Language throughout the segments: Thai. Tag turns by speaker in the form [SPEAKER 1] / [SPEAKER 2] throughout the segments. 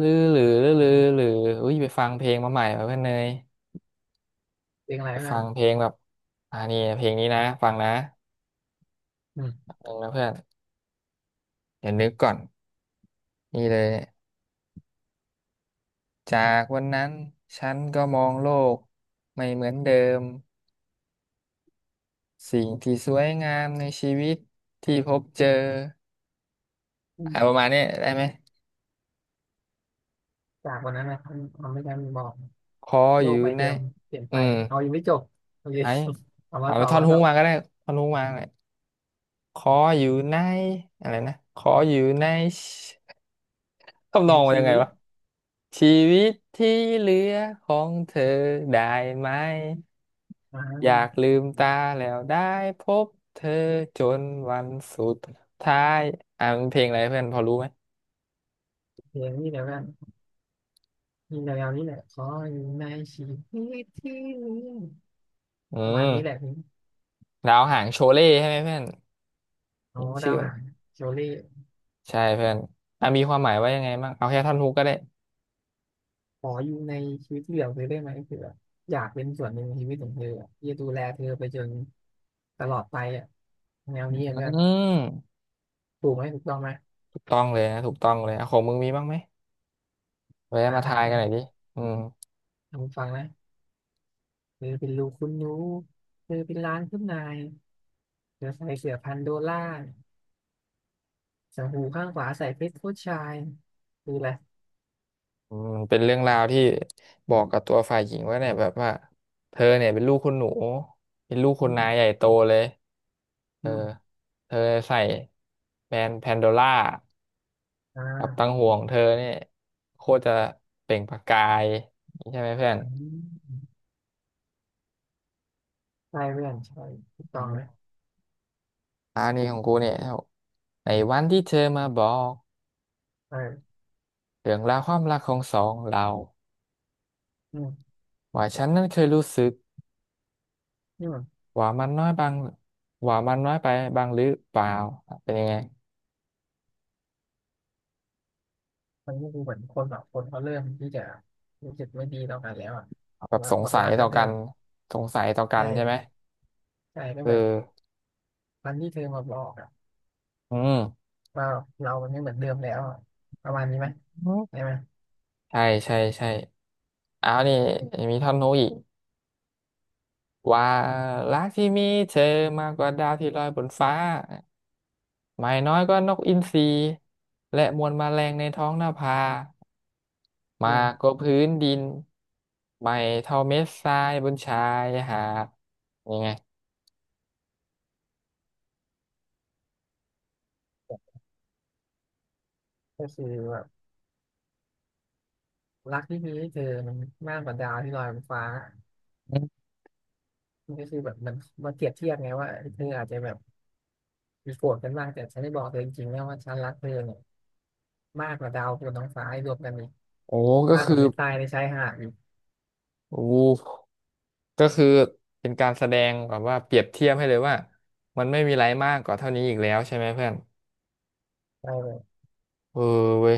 [SPEAKER 1] ลือหรือลือลหรืออุ้ยไปฟังเพลงมาใหม่มาเพื่อนเนย
[SPEAKER 2] เลี้ยงอะไร
[SPEAKER 1] ไป
[SPEAKER 2] บ้า
[SPEAKER 1] ฟั
[SPEAKER 2] ง
[SPEAKER 1] งเพลงแบบอ่านี่เพลงนี้นะฟังนะ
[SPEAKER 2] อื
[SPEAKER 1] ห
[SPEAKER 2] ม
[SPEAKER 1] นึ่งนะเพื่อนเดี๋ยวนึกก่อนนี่เลยจากวันนั้นฉันก็มองโลกไม่เหมือนเดิมสิ่งที่สวยงามในชีวิตที่พบเจอ
[SPEAKER 2] อื
[SPEAKER 1] ประ
[SPEAKER 2] ม
[SPEAKER 1] มาณนี้ได้ไหม
[SPEAKER 2] จากวันนั้นนะทำให้กาบอก
[SPEAKER 1] ขอ
[SPEAKER 2] โล
[SPEAKER 1] อยู่
[SPEAKER 2] กใบ
[SPEAKER 1] ใน
[SPEAKER 2] เดิมเปลี่ยน
[SPEAKER 1] อื
[SPEAKER 2] ไป
[SPEAKER 1] ม
[SPEAKER 2] เอายังไม่จบโอเค
[SPEAKER 1] ไอ้
[SPEAKER 2] เอา
[SPEAKER 1] เอา
[SPEAKER 2] มา
[SPEAKER 1] ไป
[SPEAKER 2] ต่อ
[SPEAKER 1] ท่อน
[SPEAKER 2] มา
[SPEAKER 1] ฮุ
[SPEAKER 2] ต่
[SPEAKER 1] ก
[SPEAKER 2] อ
[SPEAKER 1] มาก็ได้ท่อนฮุกมาเลยขออยู่ในอะไรนะขออยู่ใน ทำน
[SPEAKER 2] ใน
[SPEAKER 1] องมัน
[SPEAKER 2] ชี
[SPEAKER 1] ยังไง
[SPEAKER 2] วิต
[SPEAKER 1] วะชีวิตที่เหลือของเธอได้ไหม
[SPEAKER 2] อ่
[SPEAKER 1] อยาก
[SPEAKER 2] า
[SPEAKER 1] ลืมตาแล้วได้พบเธอจนวันสุดท้ายอ่ะมันเพลงอะไรเพื่อนพอรู้ไหม
[SPEAKER 2] เพลงนี้เดี๋ยวกันนี่เดี๋ยวนี้แหละขออยู่ในชีวิตที่นี้
[SPEAKER 1] อื
[SPEAKER 2] ประมาณนี้แหละ
[SPEAKER 1] ม
[SPEAKER 2] พี่
[SPEAKER 1] ดาวหางโชเล่ใช่ไหมเพื่อน
[SPEAKER 2] โอ้
[SPEAKER 1] นี่ชื่
[SPEAKER 2] ดา
[SPEAKER 1] อ
[SPEAKER 2] ว
[SPEAKER 1] มัน
[SPEAKER 2] หางโชลี่
[SPEAKER 1] ใช่เพื่อนอ่ะมีความหมายว่ายังไงบ้างเอาแค่ท่อนฮุกก็ได้
[SPEAKER 2] ขออยู่ในชีวิตที่เหลือเธอได้ไหมคืออยากเป็นส่วนหนึ่งในชีวิตของเธออะที่จะดูแลเธอไปจนตลอดไปอ่ะแนว
[SPEAKER 1] อ
[SPEAKER 2] นี้อะเพื่
[SPEAKER 1] ื
[SPEAKER 2] อน
[SPEAKER 1] ม
[SPEAKER 2] ถูกไหมถูกต้องไหม
[SPEAKER 1] ถูกต้องเลยนะถูกต้องเลยอ่ะของมึงมีบ้างไหมไว้มา
[SPEAKER 2] ได้
[SPEAKER 1] ทาย
[SPEAKER 2] ได้
[SPEAKER 1] กันหน่อยดิอืม
[SPEAKER 2] ลองฟังนะ เธอเป็นลูกคุณหนูเธอเป็นล้านคุณนายเธอใส่เสื้อพันโดล่าส์งหูข้างขวาใส่เพชรผู้ชายคืออะไร
[SPEAKER 1] อืมเป็นเรื่องราวที่บอกกับตัวฝ่ายหญิงว่าเนี่ยแบบว่าเธอเนี่ยเป็นลูกคุณหนูเป็นลูก
[SPEAKER 2] อื
[SPEAKER 1] คุณนายใหญ่
[SPEAKER 2] ม
[SPEAKER 1] โตเลยเอ
[SPEAKER 2] อื
[SPEAKER 1] อ
[SPEAKER 2] ม
[SPEAKER 1] เธอใส่แบรนด์แพนโดล่า
[SPEAKER 2] อ
[SPEAKER 1] กับตั
[SPEAKER 2] ่า
[SPEAKER 1] งห่วงเธอเนี่ยโคตรจะเปล่งประกายใช่ไหมเพื่อน
[SPEAKER 2] อันนี้ใช่เพื่อนใช่ถูก
[SPEAKER 1] อื
[SPEAKER 2] ต้องเลย
[SPEAKER 1] มอันนี้ของกูเนี่ยในวันที่เธอมาบอก
[SPEAKER 2] เออ
[SPEAKER 1] เรื่องราวความรักของสองเรา
[SPEAKER 2] อืม
[SPEAKER 1] ว่าฉันนั้นเคยรู้สึก
[SPEAKER 2] อืม
[SPEAKER 1] ว่ามันน้อยบางว่ามันน้อยไปบางหรือเปล่าเป็นยังไง
[SPEAKER 2] มันก็คือเหมือนคนแอบคนเขาเริ่มที่จะรู้สึกไม่ดีต่อกันแล้วอ่ะ
[SPEAKER 1] แบ
[SPEAKER 2] คือ
[SPEAKER 1] บ
[SPEAKER 2] ว่า
[SPEAKER 1] สง
[SPEAKER 2] หมด
[SPEAKER 1] สัย
[SPEAKER 2] รักกั
[SPEAKER 1] ต่อ
[SPEAKER 2] นเพื่
[SPEAKER 1] กั
[SPEAKER 2] อน
[SPEAKER 1] นสงสัยต่อกัน
[SPEAKER 2] ใช่
[SPEAKER 1] ใช่ไหม
[SPEAKER 2] ใช่ก็
[SPEAKER 1] เ
[SPEAKER 2] แบบ
[SPEAKER 1] ออ
[SPEAKER 2] วันที่เธอมาบอกอ่ะ
[SPEAKER 1] อืม
[SPEAKER 2] ว่าเรามันไม่เหมือนเดิมแล้วอะประมาณนี้ไหมได้ไหม
[SPEAKER 1] ใช่ใช่ใช่อ้าวนี่มีท่อนโน้อีกว่ารักที่มีเธอมากกว่าดาวที่ลอยบนฟ้าไม่น้อยก็นกอินทรีและมวลแมลงในท้องนภา
[SPEAKER 2] อื
[SPEAKER 1] มากก
[SPEAKER 2] ม
[SPEAKER 1] ว่าพื้นดินไม่เท่าเม็ดทรายบนชายหาดยังไง
[SPEAKER 2] ก็คือว่า รักที่มีให้เธอมันมากกว่าดาวที่ลอยบนฟ้ามันก็คือแบบมันมาเปรียบเทียบไงว่าเธออาจจะแบบมีโกรธกันมากแต่ฉันได้บอกเธอจริงๆนะว่าฉันรักเธอเนี่ยมากกว่าดาวบนท้องฟ้าให้รวมกันอีก
[SPEAKER 1] โอ้ก็
[SPEAKER 2] มากก
[SPEAKER 1] คื
[SPEAKER 2] ว่า
[SPEAKER 1] อ
[SPEAKER 2] เม็ดทรายในชายหาดอีก
[SPEAKER 1] โอ้ ก็คือเป็นการแสดงแบบว่าเปรียบเทียบให้เลยว่ามันไม่มีอะไรมากกว่าเท่านี้อีกแล้วใช่ไหมเพื่อน
[SPEAKER 2] ได้เลย
[SPEAKER 1] เออเว้ย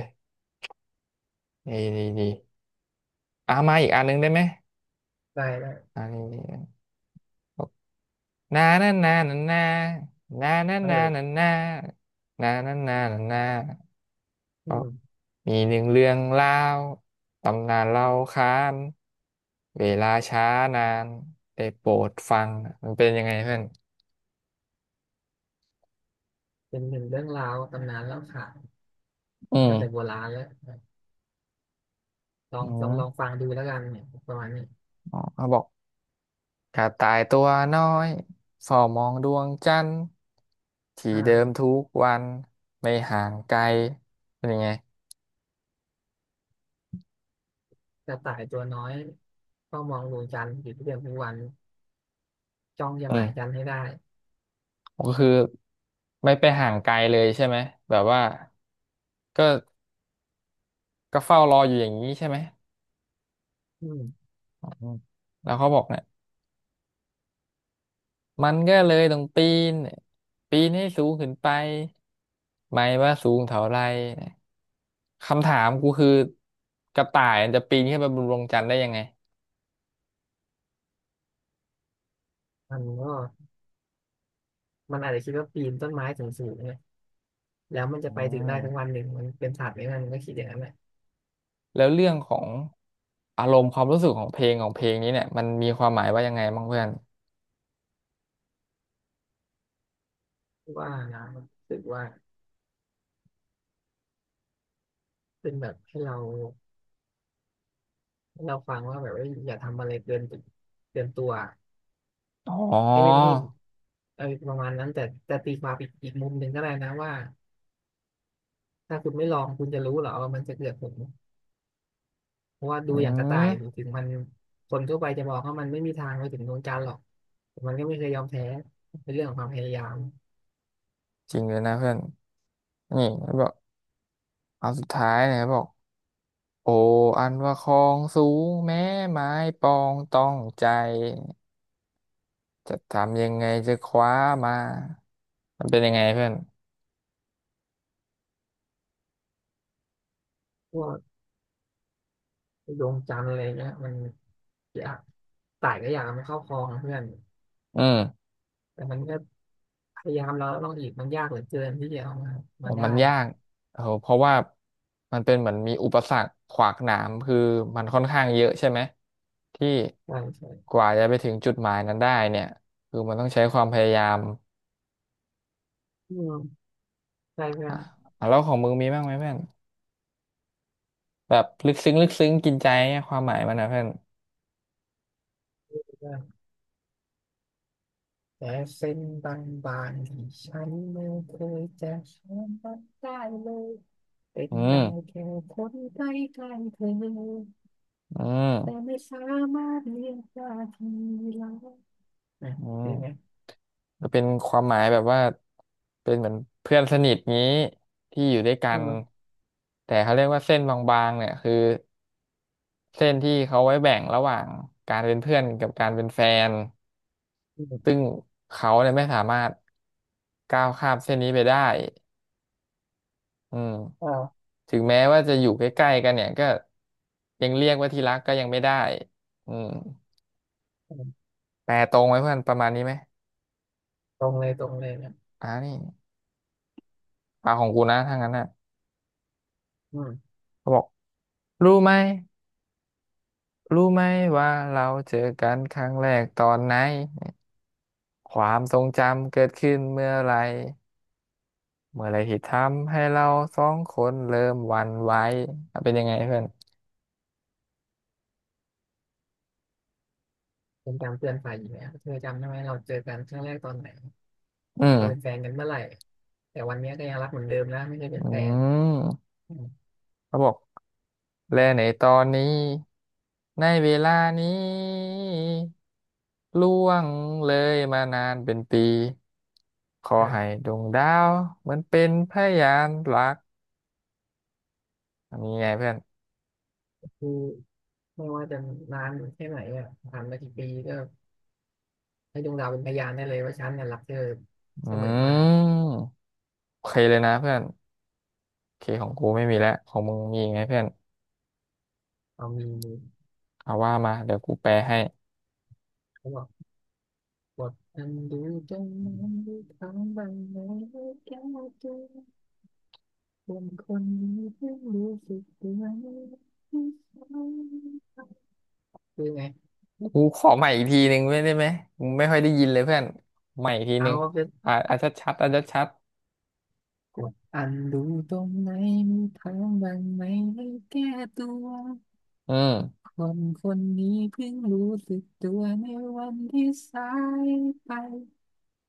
[SPEAKER 1] นี่นี่นี่อ่ะมาอีกอันหนึงได้ไหม
[SPEAKER 2] ได้ได้
[SPEAKER 1] อันนี้นนานานานานานานา
[SPEAKER 2] เอ
[SPEAKER 1] นานา
[SPEAKER 2] อ
[SPEAKER 1] นานานานานานา
[SPEAKER 2] อื
[SPEAKER 1] ก็
[SPEAKER 2] ม
[SPEAKER 1] มีหนึ่งเรื่องเล่าตำนานเล่าค้านเวลาช้านานได้โปรดฟังมันเป็นยังไงเพื่อน
[SPEAKER 2] เป็นหนึ่งเรื่องราวตำนานเล่าขาน
[SPEAKER 1] อื
[SPEAKER 2] มา
[SPEAKER 1] ม
[SPEAKER 2] ตั้งแต่โบราณแล้วลอ
[SPEAKER 1] อื
[SPEAKER 2] งลอง
[SPEAKER 1] ม
[SPEAKER 2] ลองฟังดูแล้วกันเนี่ยประมาณนี้
[SPEAKER 1] อ๋อเขาบอก กระต่ายตัวน้อยเฝ้ามองดวงจันทร์ที่เดิม
[SPEAKER 2] อ่า
[SPEAKER 1] ทุกวันไม่ห่างไกลเป็นยังไง
[SPEAKER 2] กระต่ายตัวน้อยก็มองดวงจันทร์อยู่ทุกเดือนทุกวันจ้องจะ
[SPEAKER 1] อื
[SPEAKER 2] หมายจัน
[SPEAKER 1] ม
[SPEAKER 2] ทร์ให้ได้
[SPEAKER 1] ก็คือไม่ไปห่างไกลเลยใช่ไหมแบบว่าก็ก็เฝ้ารออยู่อย่างนี้ใช่ไหม
[SPEAKER 2] อืม
[SPEAKER 1] อืมแล้วเขาบอกเนี่ยมันก็เลยต้องปีนปีนให้สูงขึ้นไปไม่ว่าสูงเท่าไรคำถามกูคือกระต่ายมันจะปีนขึ้นไปบนดวงจันทร์ได้ยังไง
[SPEAKER 2] มันก็ มันอาจจะคิดว่าปีนต้นไม้สูงสูงเนี่ยแล้วมัน
[SPEAKER 1] อื
[SPEAKER 2] จะไปถึงได้ทั้งวัน
[SPEAKER 1] ม
[SPEAKER 2] หนึ่งมันเป็นศาสตร์ไหมมันก็คิดอย่างนั้นแหละ
[SPEAKER 1] แล้วเรื่องของอารมณ์ความรู้สึกของเพลงของเพลงนี้เนี่ยมันมีความหมายว่ายังไงบ้างเพื่อน
[SPEAKER 2] ว่านะรู้สึกว่าเป็นแบบให้เราฟังว่าแบบว่าอย่าทำอะไรเกินเกินตัว
[SPEAKER 1] อ๋อ
[SPEAKER 2] ให้ไม่ให้เออประมาณนั้นแต่แต่ตีความอีกมุมหนึ่งก็ได้นะว่าถ้าคุณไม่ลองคุณจะรู้เหรอว่ามันจะเกิดผลเพราะว่าดู
[SPEAKER 1] อื
[SPEAKER 2] อย่างกระต่าย
[SPEAKER 1] ม
[SPEAKER 2] ถึงมันคนทั่วไปจะบอกว่ามันไม่มีทางไปถึงดวงจันทร์หรอกแต่มันก็ไม่เคยยอมแพ้เป็นเรื่องของความพยายาม
[SPEAKER 1] จริงเลยนะเพื่อนนี่เขาบอกเอาสุดท้ายนะครับบอกโออันว่าคลองสูงแม้ไม้ปองต้องใจจะทำยังไงจะคว้ามามันเป็นยังไงเพื่อน
[SPEAKER 2] ดวงจันทร์อะไรเงี้ยมันยากสายก็อยากไมนเข้าคลองนะเพื่อน
[SPEAKER 1] อืม
[SPEAKER 2] แต่มันก็พยายามแล้วลองอีกมันยากเหลือเกินที่จะเอามา
[SPEAKER 1] อ๋อ
[SPEAKER 2] มาได้
[SPEAKER 1] มันยากเออเพราะว่ามันเป็นเหมือนมีอุปสรรคขวากหนามคือมันค่อนข้างเยอะใช่ไหมที่
[SPEAKER 2] ใช่ใช่
[SPEAKER 1] กว่าจะไปถึงจุดหมายนั้นได้เนี่ยคือมันต้องใช้ความพยายาม
[SPEAKER 2] อืมใช่เพื่อ
[SPEAKER 1] อ่ะ
[SPEAKER 2] น
[SPEAKER 1] อ่ะแล้วของมึงมีบ้างไหมเพื่อนแบบลึกซึ้งลึกซึ้งกินใจเนี่ยความหมายมันนะเพื่อน
[SPEAKER 2] เพื่อนแต่เส้นบางๆที่ฉันไม่เคยจะช้ำมันได้เลยเป็น
[SPEAKER 1] อืม
[SPEAKER 2] ได้แค่คนใกล้ๆเธอ
[SPEAKER 1] อื
[SPEAKER 2] แต่
[SPEAKER 1] ม
[SPEAKER 2] ไม่สามารถเรียกว่าที่รักนะ
[SPEAKER 1] อื
[SPEAKER 2] เป็นไง
[SPEAKER 1] มจะเป็นความหมายแบบว่าเป็นเหมือนเพื่อนสนิทงี้ที่อยู่ด้วยกั
[SPEAKER 2] อื
[SPEAKER 1] น
[SPEAKER 2] ม
[SPEAKER 1] แต่เขาเรียกว่าเส้นบางๆเนี่ยคือ เส้นที่เขาไว้แบ่งระหว่างการเป็นเพื่อนกับการเป็นแฟน
[SPEAKER 2] อม
[SPEAKER 1] ซึ่งเขาเนี่ยไม่สามารถก้าวข้ามเส้นนี้ไปได้อืม
[SPEAKER 2] อ่า
[SPEAKER 1] ถึงแม้ว่าจะอยู่ใกล้ๆกันเนี่ยก็ยังเรียกว่าที่รักก็ยังไม่ได้อืมแปลตรงไว้เพื่อนประมาณนี้ไหม
[SPEAKER 2] ตรงเลยตรงเลยนะ
[SPEAKER 1] อ่านี่ปากของกูนะถ้างั้นน่ะ
[SPEAKER 2] อืม
[SPEAKER 1] เขาบอกรู้ไหมรู้ไหมว่าเราเจอกันครั้งแรกตอนไหนความทรงจำเกิดขึ้นเมื่อไหร เมื่อไหรที่ทำให้เราสองคนเริ่มหวั่นไหวอ่ะเป็นยังไงเพื่อน
[SPEAKER 2] เป็นการเตือนฝ่ายหญิงนะเธอจำได้ไหมเราเจอกันครั้งแรกตอนไหน
[SPEAKER 1] อื
[SPEAKER 2] เราเป็นแฟ
[SPEAKER 1] ม
[SPEAKER 2] นกันเมื่อไหร่แต่วันเนี้ยก็ยังรักเหมือนเดิมนะไม่ได้เป็
[SPEAKER 1] อื
[SPEAKER 2] นแฟน
[SPEAKER 1] ม
[SPEAKER 2] อืม
[SPEAKER 1] เขาบอกและในตอนนี้ในเวลานี้ล่วงเลยมานานเป็นปีขอให้
[SPEAKER 2] เออ
[SPEAKER 1] ดวงดาวเหมือนเป็นพยานรักอันนี้ไงเพื่อน
[SPEAKER 2] คือไม่ว่าจะนานแค่ไหนอ่ะผ่านมากี่ปีก็ให้ดวงดาวเป็นพยานได้เลยว่าฉันเนี่ยรักเธอ
[SPEAKER 1] อื
[SPEAKER 2] เสมอมา
[SPEAKER 1] มโอเคเลยนะเพื่อนโอเคของกูไม่มีแล้วของมึงมีอีกไหมเพื่อน
[SPEAKER 2] เอามี
[SPEAKER 1] เอาว่ามาเดี๋ยวกูแปลให้
[SPEAKER 2] เขาบอกบทนันดูจงมันดูทางบางไหนแก้วเจอคนคนนี้เพิ่งรู้สึกตัวนีคือไง
[SPEAKER 1] กูขอใหม่อีกทีหนึ่งไม่ได้ไหมกูไม่ค่อยได้ยินเลยเพื่อนใหม่อีกทีห
[SPEAKER 2] เอา
[SPEAKER 1] นึ่ง
[SPEAKER 2] ไป
[SPEAKER 1] อ่าชัดชัดชัดชัด
[SPEAKER 2] กดอันดูตรงไหนมีทางบ้างไหมให้แก้ตัว
[SPEAKER 1] ๆอืม
[SPEAKER 2] คนคนนี้เพิ่งรู้สึกตัวในวันที่สายไป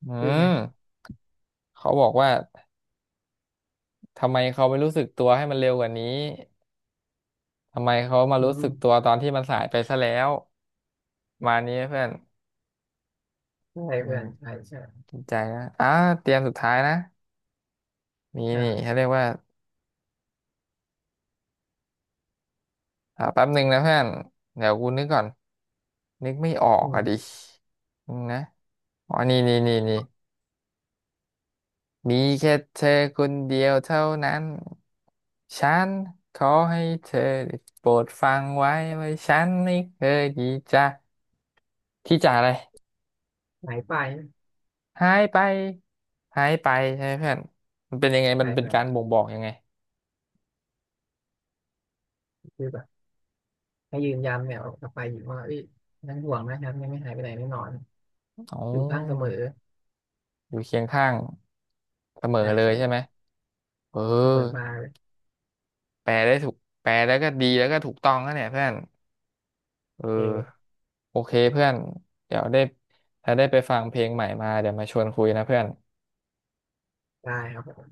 [SPEAKER 1] อื
[SPEAKER 2] คือไง
[SPEAKER 1] มเขาบอกว่าทำไมเขาไม่รู้สึกตัวให้มันเร็วกว่านี้ทำไมเขามา
[SPEAKER 2] อื
[SPEAKER 1] รู้สึ
[SPEAKER 2] ม
[SPEAKER 1] กตัวตอนที่มันสายไปซะแล้วมานี้เพื่อน
[SPEAKER 2] ใช่
[SPEAKER 1] อื
[SPEAKER 2] เพื่
[SPEAKER 1] ม
[SPEAKER 2] อนใช่ใช่
[SPEAKER 1] จริงใจนะอ่าเตรียมสุดท้ายนะมีนี่เขา
[SPEAKER 2] อ่า
[SPEAKER 1] เรียกว่าแป๊บหนึ่งนะเพื่อนเดี๋ยวกูนึกก่อนนึกไม่ออก
[SPEAKER 2] อื
[SPEAKER 1] อ่ะ
[SPEAKER 2] ม
[SPEAKER 1] ดิอืมนะอ๋อนี่นี่นี่นี่ มีแค่เธอคนเดียวเท่านั้น ฉันขอให้เธอได้โปรดฟังไว้ว่าฉันไม่เคยที่จะอะไร
[SPEAKER 2] หายไป
[SPEAKER 1] หายไปหายไปใช่ไหมเพื่อนมันเป็นยังไงมั
[SPEAKER 2] ใช่
[SPEAKER 1] นเป็น
[SPEAKER 2] แบบ
[SPEAKER 1] การบ่งบอกยังไง
[SPEAKER 2] คือแบบให้ยืนยันเนี่ยอกลับไปอยู่ว่าเอ้ยยังห่วงนะครับยังไม่หายไปไหนแน่นอน
[SPEAKER 1] อ๋อ
[SPEAKER 2] อยู่ข้างเสมอ
[SPEAKER 1] อยู่เคียงข้างเสมอ
[SPEAKER 2] ใช่
[SPEAKER 1] เลย
[SPEAKER 2] ใช่
[SPEAKER 1] ใช่ไหมเออ
[SPEAKER 2] เสมอมาเลย
[SPEAKER 1] แปลได้ถูกแปลแล้วก็ดีแล้วก็ถูกต้องนะเนี่ยเพื่อนเ
[SPEAKER 2] โอเ
[SPEAKER 1] ออ
[SPEAKER 2] ค
[SPEAKER 1] โอเคเพื่อนเดี๋ยวได้ถ้าได้ไปฟังเพลงใหม่มาเดี๋ยวมาชวนคุยนะเพื่อน
[SPEAKER 2] ได้ครับ